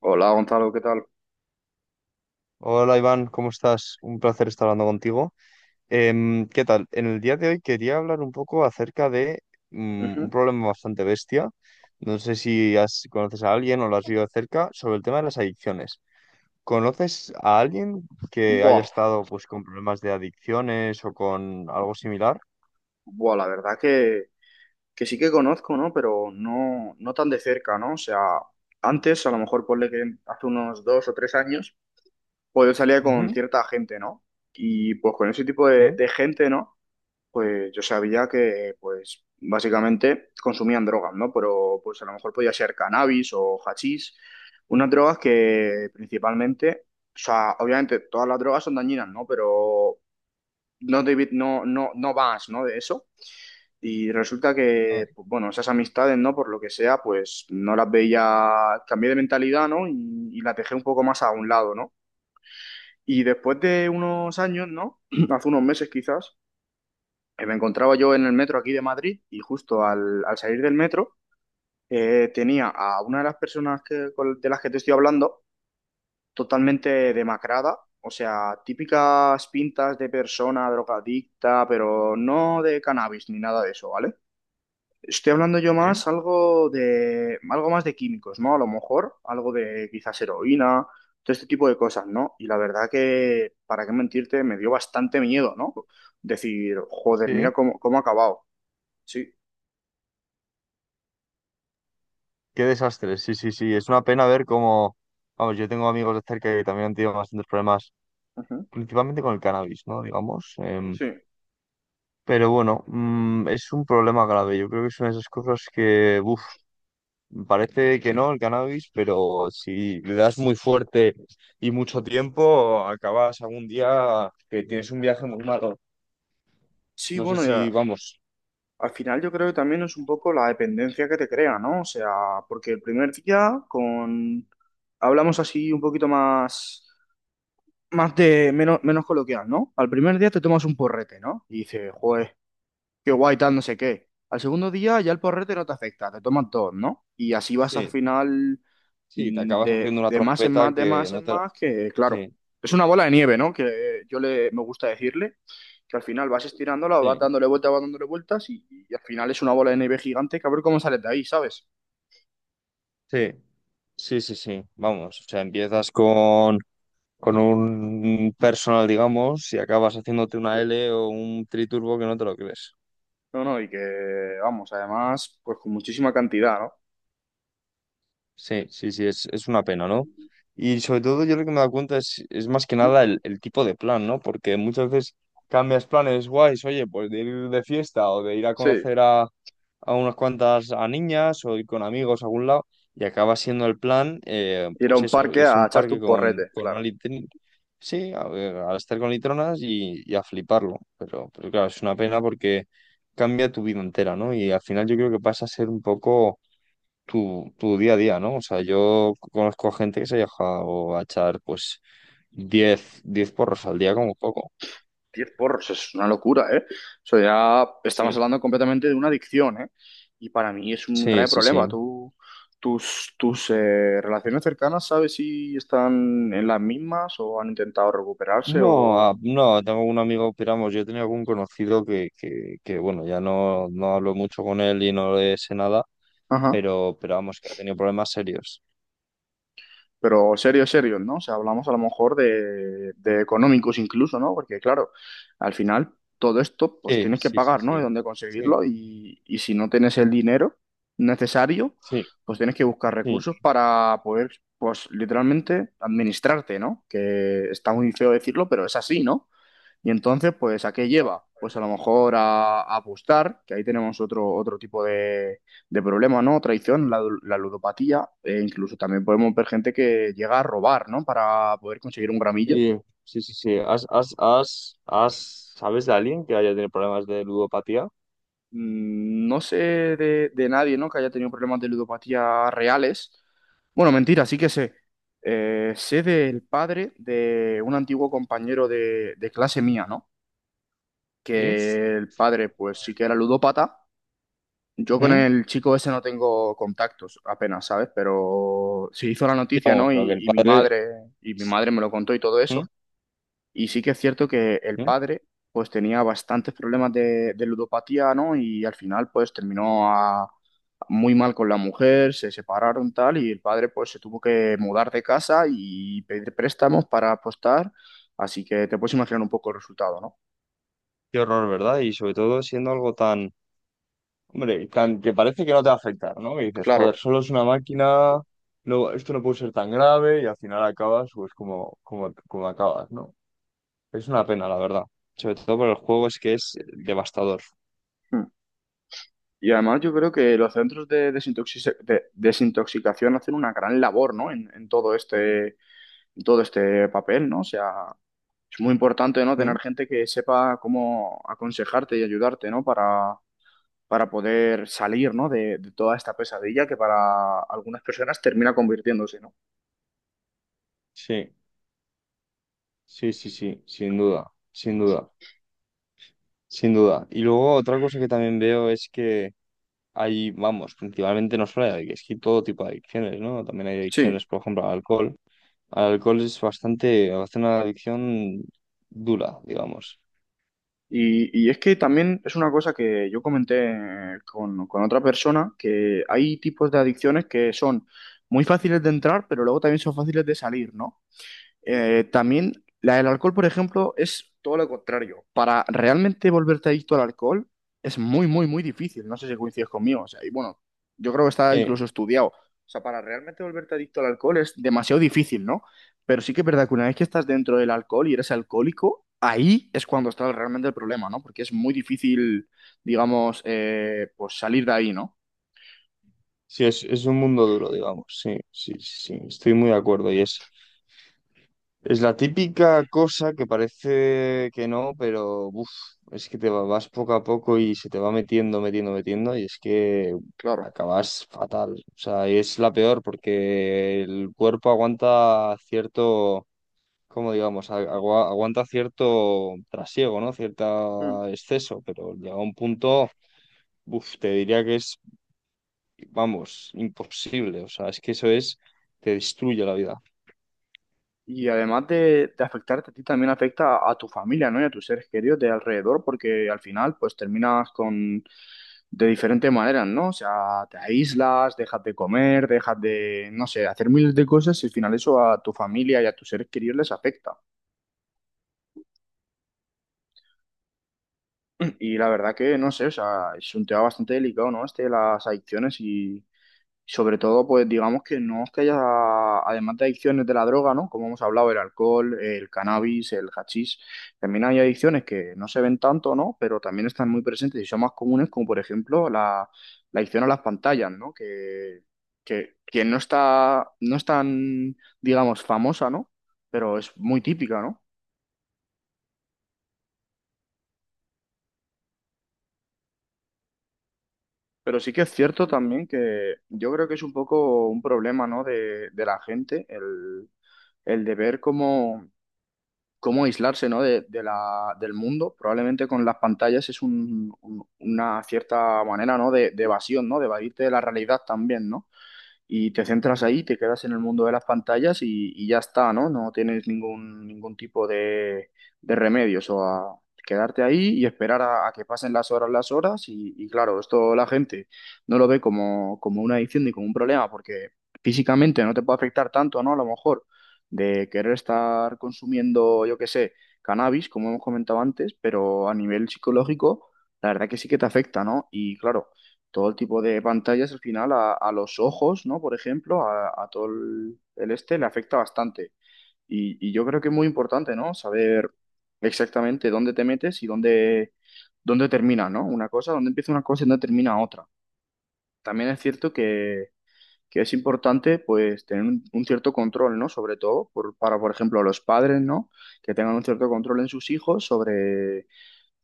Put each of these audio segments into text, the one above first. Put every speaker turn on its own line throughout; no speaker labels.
Hola Gonzalo, ¿qué tal?
Hola Iván, ¿cómo estás? Un placer estar hablando contigo. ¿Qué tal? En el día de hoy quería hablar un poco acerca de un
Ujú.
problema bastante bestia. No sé si conoces a alguien o lo has vivido de cerca sobre el tema de las adicciones. ¿Conoces a alguien que haya
Buah,
estado pues con problemas de adicciones o con algo similar?
buah, la verdad que sí que conozco, ¿no? Pero no tan de cerca, ¿no? O sea, antes, a lo mejor ponle que hace unos dos o tres años, pues yo salía con
Ujú.
cierta gente, ¿no? Y pues con ese tipo de,
Sí.
de gente, ¿no? Pues yo sabía que, pues, básicamente consumían drogas, ¿no? Pero pues a lo mejor podía ser cannabis o hachís, unas drogas que principalmente... O sea, obviamente todas las drogas son dañinas, ¿no? Pero no, David, no, no, no vas, ¿no? De eso. Y resulta
Eh,
que, pues, bueno, esas amistades, ¿no? Por lo que sea, pues no las veía, cambié de mentalidad, ¿no? Y las dejé un poco más a un lado, ¿no? Y después de unos años, ¿no? Hace unos meses quizás, me encontraba yo en el metro aquí de Madrid y justo al salir del metro tenía a una de las personas que, de las que te estoy hablando totalmente demacrada, o sea, típicas pintas de persona drogadicta, pero no de cannabis ni nada de eso, ¿vale? Estoy hablando yo
Sí.
más algo de algo más de químicos, ¿no? A lo mejor algo de quizás heroína, todo este tipo de cosas, ¿no? Y la verdad que, para qué mentirte, me dio bastante miedo, ¿no? Decir, joder, mira
Sí.
cómo, cómo ha acabado. Sí.
Qué desastre. Sí, sí, sí. Es una pena ver cómo, vamos, yo tengo amigos de cerca que también han tenido bastantes problemas
Ujú.
principalmente con el cannabis, ¿no? Digamos.
Sí.
Pero bueno, es un problema grave. Yo creo que es una de esas cosas que, uff, parece que no, el cannabis, pero si le das muy fuerte y mucho tiempo, acabas algún día que tienes un viaje muy malo.
Sí,
No sé
bueno,
si,
ya.
vamos,
Al final yo creo que también es un poco la dependencia que te crea, ¿no? O sea, porque el primer día con hablamos así un poquito más más de menos menos coloquial, ¿no? Al primer día te tomas un porrete, ¿no? Y dices, joder, qué guay tal, no sé qué. Al segundo día ya el porrete no te afecta, te tomas dos, ¿no? Y así vas al
sí,
final
sí, te acabas haciendo
de,
una
de más en
trompeta
más, de
que
más
no
en
te
más, que claro,
Sí,
es una bola de nieve, ¿no? Que yo le me gusta decirle que al final vas estirándola,
sí,
vas dándole vueltas y al final es una bola de nieve gigante que a ver cómo sales de ahí, ¿sabes?
sí, sí, sí, sí, vamos. O sea, empiezas con un personal, digamos, y acabas haciéndote
Sí.
una L o un triturbo que no te lo crees.
No, no, y que, vamos, además, pues con muchísima cantidad, ¿no?
Sí, sí, sí, es una pena, ¿no? Y sobre todo yo lo que me he dado cuenta es más que nada el tipo de plan, ¿no? Porque muchas veces cambias planes guays, oye, pues de ir de fiesta o de ir a
Sí.
conocer a unas cuantas a niñas o ir con amigos a algún lado y acaba siendo el plan,
Ir a
pues
un
eso,
parque
irse
a
a un
echarte
parque
un
con,
porrete,
con una
claro.
litrina. Sí, a ver, a estar con litronas y a fliparlo. Pero claro, es una pena porque cambia tu vida entera, ¿no? Y al final yo creo que pasa a ser un poco tu día a día, ¿no? O sea, yo conozco gente que se ha dejado a echar pues diez porros al día como poco.
10 porros, es una locura, ¿eh? Eso ya estamos
Sí.
hablando completamente de una adicción, ¿eh? Y para mí es un
Sí,
grave
sí,
problema.
sí.
Tú, tus relaciones cercanas, ¿sabes si están en las mismas o han intentado recuperarse
No,
o...
tengo un amigo, piramos, yo tenía algún conocido bueno, ya no hablo mucho con él y no le sé nada,
Ajá.
pero vamos, que ha tenido problemas serios.
Pero serio, serio, ¿no? O sea, hablamos a lo mejor de económicos incluso, ¿no? Porque claro, al final todo esto pues
Sí,
tienes que
sí, sí,
pagar, ¿no? De
sí.
dónde
Sí,
conseguirlo y si no tienes el dinero necesario,
sí,
pues tienes que buscar
sí.
recursos para poder, pues literalmente administrarte, ¿no? Que está muy feo decirlo, pero es así, ¿no? Y entonces, pues, ¿a qué lleva? Pues a lo mejor a apostar, que ahí tenemos otro, otro tipo de problema, ¿no? Traición, la ludopatía, e incluso también podemos ver gente que llega a robar, ¿no? Para poder conseguir un gramillo.
Sí, sí, sí, sí. ¿Sabes de alguien que haya tenido problemas de ludopatía?
No sé de nadie, ¿no? Que haya tenido problemas de ludopatía reales. Bueno, mentira, sí que sé. Sé del padre de un antiguo compañero de clase mía, ¿no?
Sí.
Que el padre, pues, sí que era ludópata. Yo con
¿Mm?
el chico ese no tengo contactos apenas, ¿sabes? Pero se hizo la
Sí,
noticia,
vamos,
¿no?
lo que
Y,
el
y mi
padre.
madre, y mi madre me lo contó y todo
¿Mm?
eso. Y sí que es cierto que el
¿Mm?
padre, pues tenía bastantes problemas de ludopatía, ¿no? Y al final, pues muy mal con la mujer, se separaron tal, y el padre, pues se tuvo que mudar de casa y pedir préstamos para apostar. Así que te puedes imaginar un poco el resultado, ¿no?
Qué horror, ¿verdad? Y sobre todo siendo algo tan, hombre, tan que parece que no te va a afectar, ¿no? Que dices,
Claro.
joder, solo es una máquina, no, esto no puede ser tan grave y al final acabas pues como acabas, ¿no? Es una pena, la verdad. Sobre todo por el juego es que es devastador.
Y además yo creo que los centros de desintoxicación hacen una gran labor, ¿no? En todo este, en todo este papel, ¿no? O sea, es muy importante, ¿no?
¿Mm?
Tener gente que sepa cómo aconsejarte y ayudarte, ¿no? Para poder salir, ¿no? De toda esta pesadilla que para algunas personas termina convirtiéndose, ¿no?
Sí, sí, sí, sí, sin duda, sin duda, sin duda. Y luego otra cosa que también veo es que hay, vamos, principalmente no solo hay, es que todo tipo de adicciones, ¿no? También hay
Sí.
adicciones, por ejemplo, al alcohol. Al alcohol es bastante, hace una adicción dura, digamos.
Y es que también es una cosa que yo comenté con otra persona, que hay tipos de adicciones que son muy fáciles de entrar, pero luego también son fáciles de salir, ¿no? También la del alcohol, por ejemplo, es todo lo contrario. Para realmente volverte adicto al alcohol es muy, muy, muy difícil. No sé si coincides conmigo. O sea, y bueno, yo creo que está
Sí,
incluso estudiado. O sea, para realmente volverte adicto al alcohol es demasiado difícil, ¿no? Pero sí que es verdad que una vez que estás dentro del alcohol y eres alcohólico, ahí es cuando está realmente el problema, ¿no? Porque es muy difícil, digamos, pues salir de ahí, ¿no?
sí, es un mundo duro, digamos. Sí, sí, sí, sí, estoy muy de acuerdo. Y es la típica cosa que parece que no, pero uf, es que te vas poco a poco y se te va metiendo, metiendo, metiendo, y es que
Claro.
acabas fatal. O sea, y es la peor porque el cuerpo aguanta cierto, como digamos, aguanta cierto trasiego, ¿no?
Mm.
Cierto exceso, pero llega un punto, uf, te diría que es, vamos, imposible. O sea, es que eso es, te destruye la vida.
Y además de afectarte a ti, también afecta a tu familia, ¿no? Y a tus seres queridos de alrededor, porque al final, pues terminas con de diferentes maneras, ¿no? O sea, te aíslas, dejas de comer, dejas de, no sé, hacer miles de cosas y al final eso a tu familia y a tus seres queridos les afecta. Y la verdad que, no sé, o sea, es un tema bastante delicado, ¿no? Este de las adicciones y, sobre todo, pues digamos que no es que haya, además de adicciones de la droga, ¿no? Como hemos hablado, el alcohol, el cannabis, el hachís, también hay adicciones que no se ven tanto, ¿no? Pero también están muy presentes y son más comunes, como por ejemplo la, la adicción a las pantallas, ¿no? Que no está, no es tan, digamos, famosa, ¿no? Pero es muy típica, ¿no? Pero sí que es cierto también que yo creo que es un poco un problema, ¿no? De la gente, el de ver cómo cómo aislarse, ¿no? De la, del mundo. Probablemente con las pantallas es una cierta manera, ¿no? De evasión, ¿no? De evadirte de la realidad también, ¿no? Y te centras ahí, te quedas en el mundo de las pantallas y ya está, ¿no? No tienes ningún, ningún tipo de remedios o a quedarte ahí y esperar a que pasen las horas y claro, esto la gente no lo ve como, como una adicción ni como un problema porque físicamente no te puede afectar tanto, ¿no? A lo mejor de querer estar consumiendo, yo qué sé, cannabis, como hemos comentado antes, pero a nivel psicológico, la verdad que sí que te afecta, ¿no? Y claro todo el tipo de pantallas al final a los ojos, ¿no? Por ejemplo, a todo el este le afecta bastante. Y yo creo que es muy importante, ¿no? Saber exactamente dónde te metes y dónde, dónde termina, ¿no? Una cosa, dónde empieza una cosa y dónde termina otra. También es cierto que es importante, pues, tener un cierto control, ¿no? Sobre todo para, por ejemplo, los padres, ¿no? Que tengan un cierto control en sus hijos sobre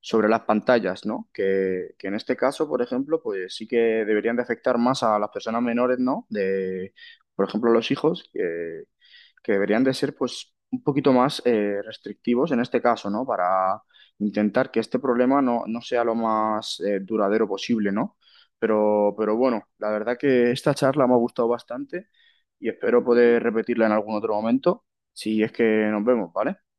sobre las pantallas, ¿no? Que en este caso, por ejemplo, pues sí que deberían de afectar más a las personas menores, ¿no? De, por ejemplo, los hijos, que deberían de ser, pues, un poquito más restrictivos en este caso, ¿no? Para intentar que este problema no, no sea lo más duradero posible, ¿no? Pero bueno, la verdad que esta charla me ha gustado bastante y espero poder repetirla en algún otro momento, si es que nos vemos, ¿vale?